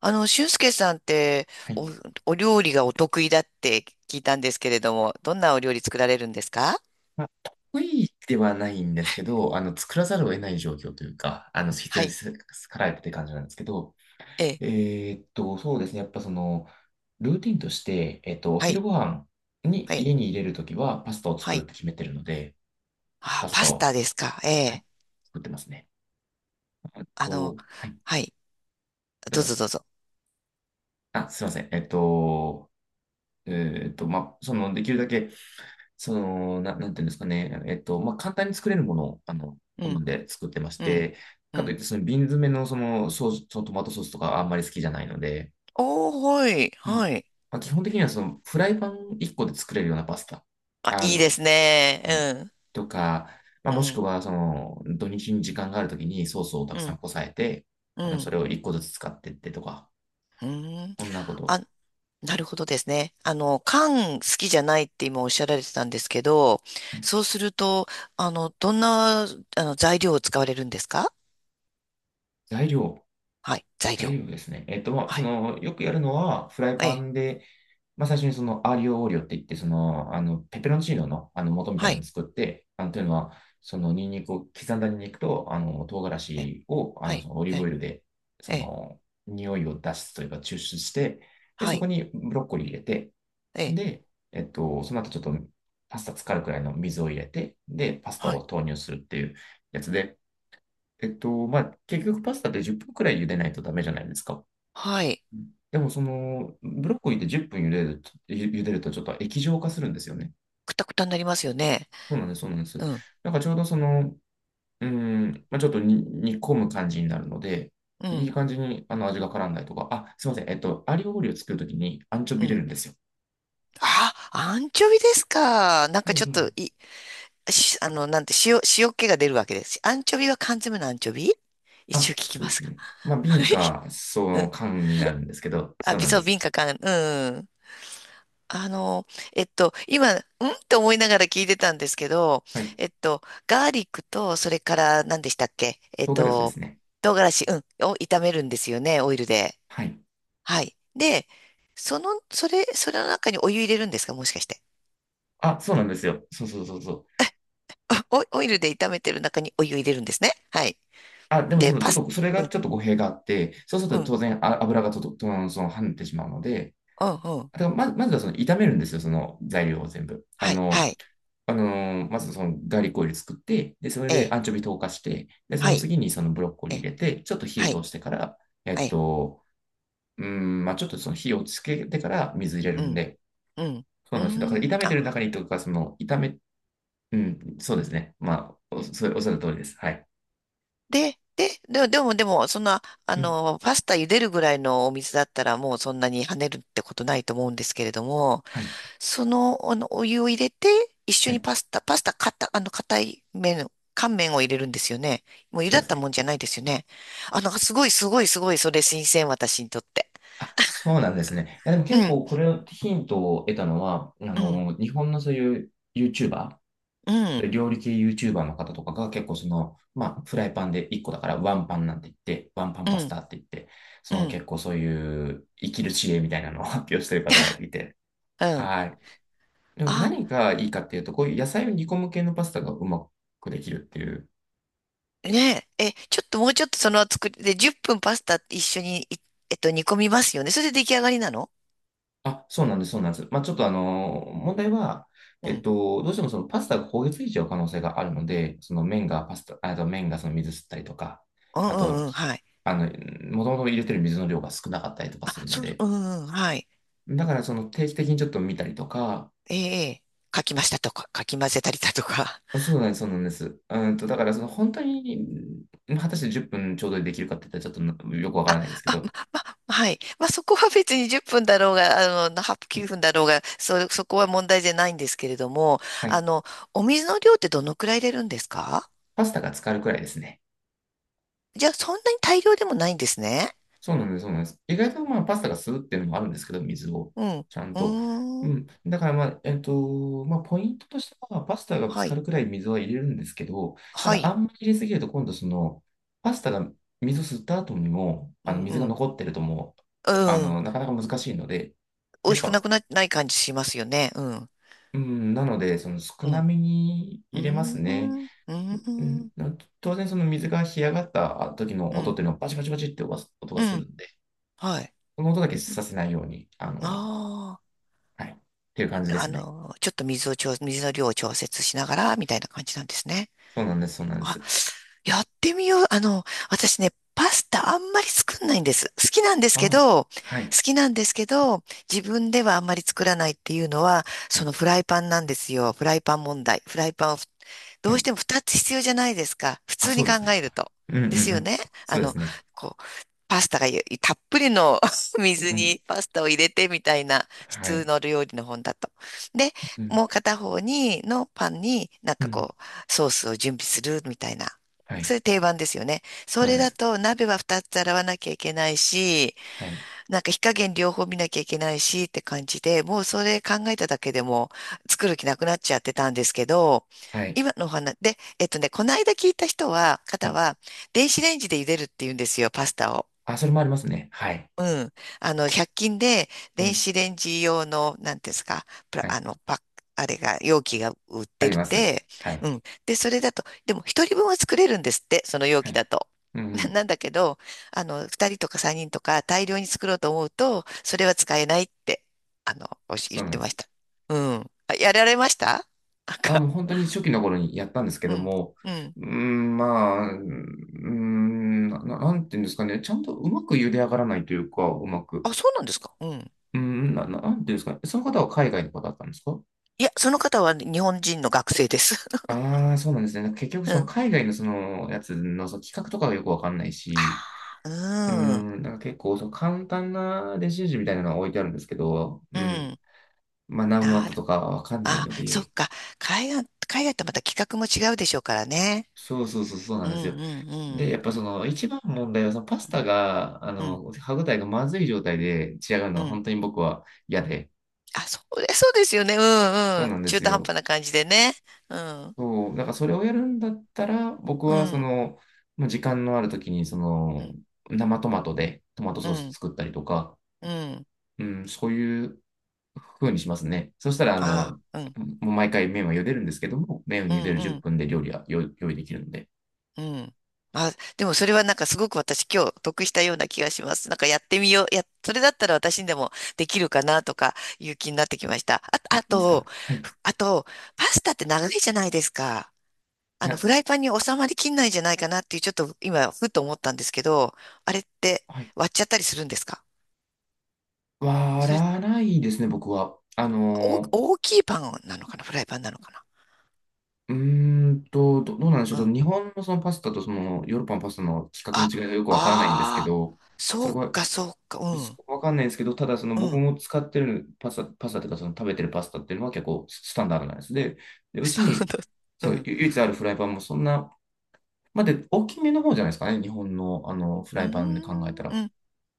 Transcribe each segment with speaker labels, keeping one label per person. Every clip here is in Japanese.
Speaker 1: 俊介さんって
Speaker 2: はい。
Speaker 1: お、お料理がお得意だって聞いたんですけれども、どんなお料理作られるんですか？
Speaker 2: 得意ではないんですけど、作らざるを得ない状況というか、必
Speaker 1: は
Speaker 2: 要に
Speaker 1: い。
Speaker 2: さかられてって感じなんですけど、
Speaker 1: ええ。
Speaker 2: そうですね。やっぱその、ルーティンとして、お
Speaker 1: は
Speaker 2: 昼
Speaker 1: い、
Speaker 2: ご飯に
Speaker 1: はい、
Speaker 2: 家に入れるときはパスタを
Speaker 1: は
Speaker 2: 作るっ
Speaker 1: い。
Speaker 2: て決めてるので、
Speaker 1: あ、
Speaker 2: パス
Speaker 1: パ
Speaker 2: タ
Speaker 1: スタ
Speaker 2: を、
Speaker 1: ですか？え
Speaker 2: はい、
Speaker 1: え。
Speaker 2: 作ってますね。あ
Speaker 1: あの、
Speaker 2: と、はい、
Speaker 1: はい、
Speaker 2: どう
Speaker 1: どう
Speaker 2: ぞ。
Speaker 1: ぞどうぞ。
Speaker 2: あ、すいません。できるだけなんていうんですかね、簡単に作れるものを、
Speaker 1: う
Speaker 2: 好
Speaker 1: ん、
Speaker 2: んで作ってまし
Speaker 1: うん、
Speaker 2: て、
Speaker 1: う
Speaker 2: かといっ
Speaker 1: ん。
Speaker 2: て、瓶詰めのソース、トマトソースとかあんまり好きじゃないので、
Speaker 1: おー、はい、
Speaker 2: うん。
Speaker 1: はい。
Speaker 2: まあ、基本的にはそのフライパン1個で作れるようなパスタ。
Speaker 1: あ、
Speaker 2: あ
Speaker 1: いいです
Speaker 2: の、はい。
Speaker 1: ね。
Speaker 2: とか、
Speaker 1: う
Speaker 2: まあ、
Speaker 1: ん、
Speaker 2: も
Speaker 1: う
Speaker 2: しく
Speaker 1: ん、
Speaker 2: はその土日に時間があるときにソースをた
Speaker 1: う
Speaker 2: くさん
Speaker 1: ん、
Speaker 2: こさえて、あ
Speaker 1: う
Speaker 2: の、そ
Speaker 1: ん。
Speaker 2: れを1個ずつ使ってってとか、
Speaker 1: うん。
Speaker 2: こんなこと。
Speaker 1: あ、なるほどですね。缶好きじゃないって今おっしゃられてたんですけど、
Speaker 2: はい、
Speaker 1: そうすると、あの、どんな、あの、材料を使われるんですか？
Speaker 2: 材料、
Speaker 1: はい、材
Speaker 2: 材
Speaker 1: 料。
Speaker 2: 料ですね。
Speaker 1: はい。
Speaker 2: よくやるのは、フライ
Speaker 1: え
Speaker 2: パ
Speaker 1: え、
Speaker 2: ンで、まあ、最初にそのアーリオオーリオって言って、ペペロンチーノの、元みたい
Speaker 1: は
Speaker 2: なの
Speaker 1: い、
Speaker 2: を作って、あの、というのは、その、ニンニクを、刻んだニンニクと、唐辛
Speaker 1: ええ、
Speaker 2: 子を、
Speaker 1: は
Speaker 2: そ
Speaker 1: い、
Speaker 2: のオリー
Speaker 1: え
Speaker 2: ブオ
Speaker 1: え、
Speaker 2: イルで、そ
Speaker 1: ええ、
Speaker 2: の、匂いを出すというか、抽出して、で、
Speaker 1: は
Speaker 2: そ
Speaker 1: い、
Speaker 2: こにブロッコリー入れて、
Speaker 1: ええ、
Speaker 2: で、その後ちょっと、パスタ浸かるくらいの水を入れて、で、パスタ
Speaker 1: はい、
Speaker 2: を投入するっていうやつで、結局パスタって10分くらい茹でないとダメじゃないですか。
Speaker 1: はい。
Speaker 2: でもその、ブロッコリーって10分茹でると、茹でるとちょっと液状化するんですよね。
Speaker 1: くたくたになりますよね。
Speaker 2: そうなんです、そうなんです。
Speaker 1: うん、
Speaker 2: なんかちょうどその、うん、まあ、ちょっとに煮込む感じになるので、
Speaker 1: う
Speaker 2: いい
Speaker 1: ん、
Speaker 2: 感じにあの味が絡んだりとか、あ、すいません、アリオオリを作るときにアンチョ
Speaker 1: う
Speaker 2: ビ入れ
Speaker 1: ん。
Speaker 2: るんですよ。
Speaker 1: あ、アンチョビですか。なん
Speaker 2: そ
Speaker 1: か
Speaker 2: う
Speaker 1: ちょっ
Speaker 2: そうそ
Speaker 1: と、
Speaker 2: う、
Speaker 1: い、し、あの、なんて、塩、塩気が出るわけです。アンチョビは缶詰のアンチョビ、一応
Speaker 2: あ、
Speaker 1: 聞き
Speaker 2: そう
Speaker 1: ま
Speaker 2: です
Speaker 1: すか。
Speaker 2: ね。まあ、
Speaker 1: はい。
Speaker 2: 瓶か、その缶になるんですけど、そ
Speaker 1: あ、
Speaker 2: う
Speaker 1: び
Speaker 2: なん
Speaker 1: そ
Speaker 2: で
Speaker 1: う、
Speaker 2: す。
Speaker 1: 敏感かん、うん。あの、今、んって思いながら聞いてたんですけど、
Speaker 2: はい。
Speaker 1: えっと、ガーリックと、それから何でしたっけ？
Speaker 2: 唐辛子ですね。
Speaker 1: 唐辛子、うん、を炒めるんですよね、オイルで。
Speaker 2: はい。
Speaker 1: はい。で、それの中にお湯入れるんですか、もしかして。
Speaker 2: あ、そうなんですよ。そうそうそうそう。
Speaker 1: オイルで炒めてる中にお湯入れるんですね。はい。
Speaker 2: あ、でも
Speaker 1: で、
Speaker 2: その、ち
Speaker 1: パ
Speaker 2: ょっ
Speaker 1: ス、
Speaker 2: と、それ
Speaker 1: う
Speaker 2: が
Speaker 1: ん、
Speaker 2: ちょっと語弊があって、そうす
Speaker 1: う
Speaker 2: ると
Speaker 1: ん、
Speaker 2: 当然油がとと、とその跳ねてしまうので、
Speaker 1: うん、うん。
Speaker 2: だからまずはその炒めるんですよ、その材料を全部。
Speaker 1: はい、はい、
Speaker 2: まずそのガーリックオイル作って、で、それ
Speaker 1: え
Speaker 2: で
Speaker 1: え、
Speaker 2: アンチョビ溶かして、で、そ
Speaker 1: は
Speaker 2: の
Speaker 1: い、
Speaker 2: 次にそのブロッコリ
Speaker 1: え
Speaker 2: ー入
Speaker 1: え、
Speaker 2: れて、ちょっと火を
Speaker 1: はい、
Speaker 2: 通してから、え
Speaker 1: は
Speaker 2: っ
Speaker 1: い、
Speaker 2: と、まあちょっとその火をつけてから水入れる
Speaker 1: う
Speaker 2: ん
Speaker 1: ん、
Speaker 2: で、
Speaker 1: うん。
Speaker 2: そ
Speaker 1: う
Speaker 2: うなんですよ。だから
Speaker 1: ーん、
Speaker 2: 炒めてる
Speaker 1: あ、
Speaker 2: 中にとか、その炒め、うん、そうですね。まあ、お、それおっしゃる通りです。はい。
Speaker 1: でも、そんな、
Speaker 2: うん、
Speaker 1: パスタ茹でるぐらいのお水だったらもうそんなに跳ねるってことないと思うんですけれども、
Speaker 2: はい。
Speaker 1: お湯を入れて、一緒
Speaker 2: は
Speaker 1: に
Speaker 2: い。
Speaker 1: パスタ、パスタ、かた、あの、硬い麺、乾麺を入れるんですよね。もう茹
Speaker 2: そ
Speaker 1: だ
Speaker 2: うで
Speaker 1: っ
Speaker 2: す
Speaker 1: た
Speaker 2: ね。
Speaker 1: もんじゃないですよね。あ、なんかすごい、それ新鮮、私にとって。
Speaker 2: あ、そうなんですね。いや、でも
Speaker 1: う
Speaker 2: 結
Speaker 1: ん、
Speaker 2: 構これをヒントを得たのは、あ
Speaker 1: うん、
Speaker 2: の、日本のそういう YouTuber、
Speaker 1: うん、
Speaker 2: 料理系 YouTuber の方とかが結構その、まあ、フライパンで1個だからワンパンなんて言って、ワンパン
Speaker 1: う
Speaker 2: パス
Speaker 1: ん、
Speaker 2: タって言って、
Speaker 1: う
Speaker 2: その
Speaker 1: ん、
Speaker 2: 結構そういう生きる知恵みたいなのを 発表してる方がいて、
Speaker 1: うん。
Speaker 2: はい。でも
Speaker 1: あ、
Speaker 2: 何がいいかっていうと、こういう野菜を煮込む系のパスタがうまくできるっていう、
Speaker 1: ねえ、え、ちょっともうちょっとその作りで、10分パスタ一緒に、えっと、煮込みますよね。それで出来上がりなの？
Speaker 2: あ、そうなんです、そうなんです。まあ、ちょっとあの問題は、
Speaker 1: うん
Speaker 2: どうしてもそのパスタが焦げついちゃう可能性があるので、その麺がパスタ、ああと麺がその水吸ったりとか、
Speaker 1: うん
Speaker 2: あ
Speaker 1: う
Speaker 2: と、
Speaker 1: んうん、
Speaker 2: ひ
Speaker 1: はい。
Speaker 2: あの、もともと入れてる水の量が少なかったりとか
Speaker 1: あ、
Speaker 2: するの
Speaker 1: そう、
Speaker 2: で、
Speaker 1: うんうん、はい。
Speaker 2: だからその定期的にちょっと見たりとか、
Speaker 1: ええ、かき混ぜたりだとか。
Speaker 2: そうなんです、そうなんです。うんと、だからその本当に、うん、果たして10分ちょうどでできるかって言ったらちょっとよくわ か
Speaker 1: あ、
Speaker 2: らないですけ
Speaker 1: あ、
Speaker 2: ど、
Speaker 1: ま、はい。まあ、そこは別に10分だろうが、8、9
Speaker 2: ね、
Speaker 1: 分だろうが、そこは問題じゃないんですけれども、
Speaker 2: は
Speaker 1: あ
Speaker 2: い。
Speaker 1: の、お水の量ってどのくらい入れるんですか？
Speaker 2: パスタが浸かるくらいですね。
Speaker 1: じゃあ、そんなに大量でもないんですね。
Speaker 2: そうなんです、そうなんです。意外とまあパスタが吸うっていうのもあるんですけど、水を
Speaker 1: うん。う
Speaker 2: ちゃんと。う
Speaker 1: ーん。
Speaker 2: ん。だからまあ、ポイントとしては、パスタがぶつ
Speaker 1: は
Speaker 2: か
Speaker 1: い。
Speaker 2: るくらい水は入れるんですけど、た
Speaker 1: は
Speaker 2: だ
Speaker 1: い。
Speaker 2: あんまり入れすぎると、今度その、パスタが水を吸った後にも、
Speaker 1: う
Speaker 2: あの
Speaker 1: ん、
Speaker 2: 水
Speaker 1: う
Speaker 2: が
Speaker 1: ん。
Speaker 2: 残ってるともう、
Speaker 1: うん。
Speaker 2: なかなか難しいので、
Speaker 1: 美
Speaker 2: や
Speaker 1: 味
Speaker 2: っ
Speaker 1: しくな
Speaker 2: ぱ、
Speaker 1: くな、ない感じしますよね。うん。
Speaker 2: うん、なので、その少
Speaker 1: う
Speaker 2: な
Speaker 1: ん。
Speaker 2: めに
Speaker 1: うー
Speaker 2: 入れますね。
Speaker 1: ん。うー
Speaker 2: うん、
Speaker 1: ん。
Speaker 2: 当然、その水が干上がった時の
Speaker 1: う
Speaker 2: 音
Speaker 1: ん。
Speaker 2: っていうのは、バチバチバチって音が
Speaker 1: う
Speaker 2: す
Speaker 1: ん。
Speaker 2: るんで、
Speaker 1: はい。
Speaker 2: この音だけさせないように、
Speaker 1: ああ
Speaker 2: はい。っていう感じ
Speaker 1: ー、
Speaker 2: ですね。
Speaker 1: ちょっと水の量を調節しながら、みたいな感じなんですね。
Speaker 2: そうなんです、そうなんで
Speaker 1: あ、
Speaker 2: す。
Speaker 1: やってみよう。私ね、パスタあんまり作んないんです。
Speaker 2: ああ、
Speaker 1: 好
Speaker 2: はい、
Speaker 1: きなんですけど、自分ではあんまり作らないっていうのは、
Speaker 2: は
Speaker 1: そ
Speaker 2: い、
Speaker 1: のフライパンなんですよ。フライパン問題。フライパンをど
Speaker 2: は
Speaker 1: うし
Speaker 2: い。
Speaker 1: ても2つ必要じゃないですか。普
Speaker 2: あ、
Speaker 1: 通
Speaker 2: そ
Speaker 1: に
Speaker 2: うで
Speaker 1: 考
Speaker 2: すね。
Speaker 1: えると。
Speaker 2: うん、うん、
Speaker 1: です
Speaker 2: う
Speaker 1: よ
Speaker 2: ん。
Speaker 1: ね。あ
Speaker 2: そうで
Speaker 1: の、
Speaker 2: すね。
Speaker 1: こう、パスタがゆ、たっぷりの 水
Speaker 2: うん。
Speaker 1: にパスタを入れてみたいな、普
Speaker 2: は
Speaker 1: 通
Speaker 2: い。
Speaker 1: の料理の本だと。で、
Speaker 2: うん。
Speaker 1: もう片方のパンになん
Speaker 2: う
Speaker 1: か
Speaker 2: ん。
Speaker 1: こう、ソースを準備するみたいな。
Speaker 2: は
Speaker 1: そ
Speaker 2: い。
Speaker 1: れ定番ですよね。
Speaker 2: そ
Speaker 1: そ
Speaker 2: うなん
Speaker 1: れ
Speaker 2: で
Speaker 1: だ
Speaker 2: す。
Speaker 1: と鍋は2つ洗わなきゃいけないし、
Speaker 2: はい。
Speaker 1: なんか火加減両方見なきゃいけないしって感じで、もうそれ考えただけでも作る気なくなっちゃってたんですけど、
Speaker 2: はい。
Speaker 1: 今のお話で、えっとね、この間聞いた人は、
Speaker 2: は
Speaker 1: 方
Speaker 2: い。
Speaker 1: は、電子レンジで茹でるって言うんですよ、パスタを。
Speaker 2: あ、それもありますね。はい。
Speaker 1: うん。100均で
Speaker 2: う
Speaker 1: 電
Speaker 2: ん。
Speaker 1: 子レンジ用の、なんていうんですか、プラ、
Speaker 2: は
Speaker 1: あ
Speaker 2: い。
Speaker 1: の、パック、あれが、容器が売っ
Speaker 2: あ
Speaker 1: て
Speaker 2: り
Speaker 1: るっ
Speaker 2: ます。
Speaker 1: て。
Speaker 2: はい。
Speaker 1: うん。で、それだと、でも一人分は作れるんですって、その容
Speaker 2: は
Speaker 1: 器
Speaker 2: い。
Speaker 1: だと。
Speaker 2: うん、う ん。
Speaker 1: なんだけど、二人とか三人とか大量に作ろうと思うと、それは使えないって、言
Speaker 2: そ
Speaker 1: っ
Speaker 2: うなん
Speaker 1: て
Speaker 2: で
Speaker 1: まし
Speaker 2: す。
Speaker 1: た。うん。あ、やられました。 なん
Speaker 2: あ、
Speaker 1: か、
Speaker 2: もう本当に初期の頃にやったんですけ
Speaker 1: う
Speaker 2: ど
Speaker 1: ん。
Speaker 2: も、
Speaker 1: うん。
Speaker 2: うーん、まなんていうんですかね。ちゃんとうまく茹で上がらないというか、うまく。
Speaker 1: あ、そうなんですか。うん。
Speaker 2: うん、なんていうんですかね。その方は海外の方だったんですか？
Speaker 1: いや、その方は日本人の学生です。
Speaker 2: ああー、そうなんですね。結局、
Speaker 1: う
Speaker 2: その
Speaker 1: ん。
Speaker 2: 海外のそのやつのその企画とかがよくわかんないし、う
Speaker 1: ああ、
Speaker 2: ん、なんか結構その簡単な電子レンジみたいなのが置いてあるんですけど、う
Speaker 1: うん。
Speaker 2: ん、
Speaker 1: うん。
Speaker 2: まあ何ワッ
Speaker 1: な
Speaker 2: ト
Speaker 1: る。
Speaker 2: とかわかんない
Speaker 1: あ、
Speaker 2: の
Speaker 1: そっ
Speaker 2: で、
Speaker 1: か。海外とまた企画も違うでしょうからね。
Speaker 2: そうな
Speaker 1: う
Speaker 2: ん
Speaker 1: ん
Speaker 2: で
Speaker 1: う
Speaker 2: すよ。
Speaker 1: んう
Speaker 2: で、
Speaker 1: ん。
Speaker 2: やっぱその一番問題はそのパスタが、あ
Speaker 1: うん
Speaker 2: の、歯ごたえがまずい状態で仕上がるの
Speaker 1: う
Speaker 2: が
Speaker 1: ん。
Speaker 2: 本当に僕は嫌で、
Speaker 1: あ、それ、そうですよね。うん
Speaker 2: そう
Speaker 1: うん。
Speaker 2: なんで
Speaker 1: 中
Speaker 2: す
Speaker 1: 途半
Speaker 2: よ。
Speaker 1: 端な感じでね。うん。
Speaker 2: そう、なんかそれをやるんだったら、僕
Speaker 1: う
Speaker 2: はそ
Speaker 1: ん
Speaker 2: の、まあ時間のある時に、そ
Speaker 1: う
Speaker 2: の、
Speaker 1: ん
Speaker 2: 生トマトでトマト
Speaker 1: う
Speaker 2: ソース
Speaker 1: ん
Speaker 2: 作ったりとか、
Speaker 1: うん。
Speaker 2: うん、そういう風にしますね。そしたら、あの、
Speaker 1: ああ、うん
Speaker 2: もう毎回麺は茹でるんですけども、麺を
Speaker 1: うん
Speaker 2: 茹でる
Speaker 1: う
Speaker 2: 10
Speaker 1: ん
Speaker 2: 分で料理は用意できるので。
Speaker 1: うん。あ、でもそれはなんかすごく私今日得したような気がします。なんかやってみよう。や、それだったら私にでもできるかなとかいう気になってきました。あ、
Speaker 2: あ、
Speaker 1: あ
Speaker 2: そうですか。
Speaker 1: と、
Speaker 2: はい。
Speaker 1: あと、パスタって長いじゃないですか。
Speaker 2: な、
Speaker 1: フライパンに収まりきんないんじゃないかなっていう、ちょっと今、ふっと思ったんですけど、あれって
Speaker 2: はい。
Speaker 1: 割っちゃったりするんですか？
Speaker 2: 割
Speaker 1: それ、
Speaker 2: らないですね、僕は。
Speaker 1: お、大きいパンなのかな、フライパンなのかな？
Speaker 2: ー、うーどうなんでしょう。
Speaker 1: う
Speaker 2: ちょっ
Speaker 1: ん。
Speaker 2: と日本のそのパスタとそのヨーロッパのパスタの規格の
Speaker 1: あ、
Speaker 2: 違いがよくわからないんですけ
Speaker 1: ああ
Speaker 2: ど、そ
Speaker 1: そ
Speaker 2: れ
Speaker 1: う
Speaker 2: は
Speaker 1: か、そうか、う
Speaker 2: す
Speaker 1: ん、
Speaker 2: わかんないんですけど、ただその
Speaker 1: う
Speaker 2: 僕
Speaker 1: ん。
Speaker 2: も使ってるパスタ、パスタというかその食べてるパスタっていうのは結構スタンダードなやつで、で、う
Speaker 1: そ
Speaker 2: ち
Speaker 1: う
Speaker 2: に
Speaker 1: だ、う
Speaker 2: そう
Speaker 1: ん。
Speaker 2: ゆ唯一あるフライパンもそんな、まあ、で、大きめの方じゃないですかね、日本の、あのフ
Speaker 1: う
Speaker 2: ラ
Speaker 1: ー
Speaker 2: イパンで考えた
Speaker 1: ん、
Speaker 2: ら。
Speaker 1: うん。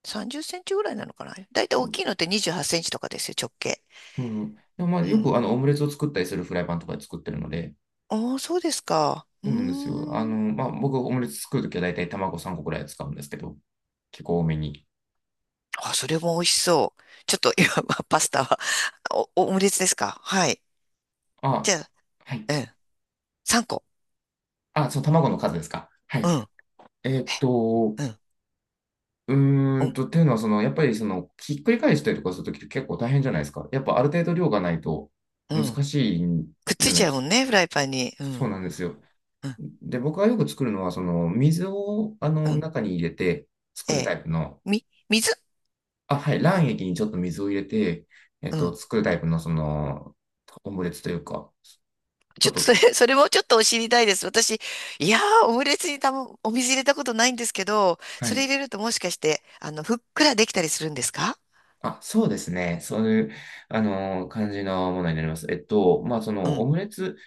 Speaker 1: 30センチぐらいなのかな、だいたい
Speaker 2: で
Speaker 1: 大
Speaker 2: も、
Speaker 1: きいのって28センチとかですよ、直径。
Speaker 2: うん、でもまあ
Speaker 1: う
Speaker 2: よく
Speaker 1: ん。
Speaker 2: あのオムレツを作ったりするフライパンとかで作ってるので、
Speaker 1: ああ、そうですか。うー
Speaker 2: そうなんですよ。
Speaker 1: ん。
Speaker 2: 僕オムレツ作るときは大体卵3個くらい使うんですけど、結構多めに。
Speaker 1: あ、それも美味しそう。ちょっと今、パスタは、オムレツですか、はい。じゃ
Speaker 2: あ、
Speaker 1: あ、
Speaker 2: は
Speaker 1: う
Speaker 2: い。
Speaker 1: ん。3個。
Speaker 2: あ、そう、卵の数ですか。は
Speaker 1: う
Speaker 2: い。
Speaker 1: ん。
Speaker 2: えーっと、
Speaker 1: うん。うん。
Speaker 2: っていうのは、その、やっぱり、その、ひっくり返したりとかするときって結構大変じゃないですか。やっぱ、ある程度量がないと
Speaker 1: う
Speaker 2: 難
Speaker 1: ん。
Speaker 2: しい
Speaker 1: くっつ
Speaker 2: よう
Speaker 1: いち
Speaker 2: な
Speaker 1: ゃうも
Speaker 2: き、
Speaker 1: んね、フライパンに。う
Speaker 2: そう
Speaker 1: ん。
Speaker 2: なんですよ。
Speaker 1: うん。
Speaker 2: で、僕がよく作るのは、その、水を、あ
Speaker 1: う
Speaker 2: の、
Speaker 1: ん。
Speaker 2: 中に入れて作
Speaker 1: え
Speaker 2: るタ
Speaker 1: え。
Speaker 2: イプの、
Speaker 1: 水、
Speaker 2: あ、はい、卵液にちょっと水を入れて、
Speaker 1: うん。
Speaker 2: 作るタイプの、その、オムレツというか、ちょ
Speaker 1: ちょ
Speaker 2: っ
Speaker 1: っとそ
Speaker 2: と、
Speaker 1: れ、それもちょっと知りたいです。いやー、オムレツにたも、お水入れたことないんですけど、
Speaker 2: は
Speaker 1: そ
Speaker 2: い。
Speaker 1: れ入れるともしかして、ふっくらできたりするんですか？
Speaker 2: あ、そうですね。そういう、あの、感じのものになります。
Speaker 1: う
Speaker 2: オ
Speaker 1: ん。
Speaker 2: ムレツ、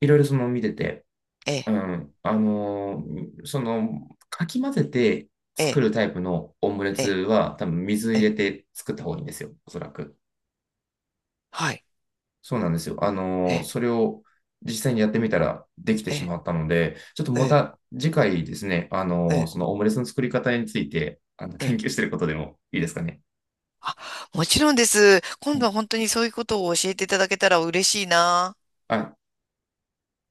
Speaker 2: いろいろその、見てて、
Speaker 1: え
Speaker 2: う
Speaker 1: え、
Speaker 2: ん、その、かき混ぜて
Speaker 1: え
Speaker 2: 作
Speaker 1: え、
Speaker 2: るタイプのオムレ
Speaker 1: え
Speaker 2: ツ
Speaker 1: え、
Speaker 2: は、多分水
Speaker 1: え
Speaker 2: 入れ
Speaker 1: え、
Speaker 2: て作った方がいいんですよ、おそらく。
Speaker 1: はい。
Speaker 2: そうなんですよ。
Speaker 1: ええ、
Speaker 2: それを実際にやってみたらできて
Speaker 1: え
Speaker 2: し
Speaker 1: え、
Speaker 2: まったので、ちょっと
Speaker 1: え
Speaker 2: ま
Speaker 1: え、
Speaker 2: た次回ですね、
Speaker 1: ええ、
Speaker 2: そのオムレツの作り方について、あの、
Speaker 1: え
Speaker 2: 研
Speaker 1: え。
Speaker 2: 究してることでもいいですかね。
Speaker 1: あ、もちろんです。今
Speaker 2: は
Speaker 1: 度
Speaker 2: い、
Speaker 1: は本当にそういうことを教えていただけたら嬉しいな。
Speaker 2: あ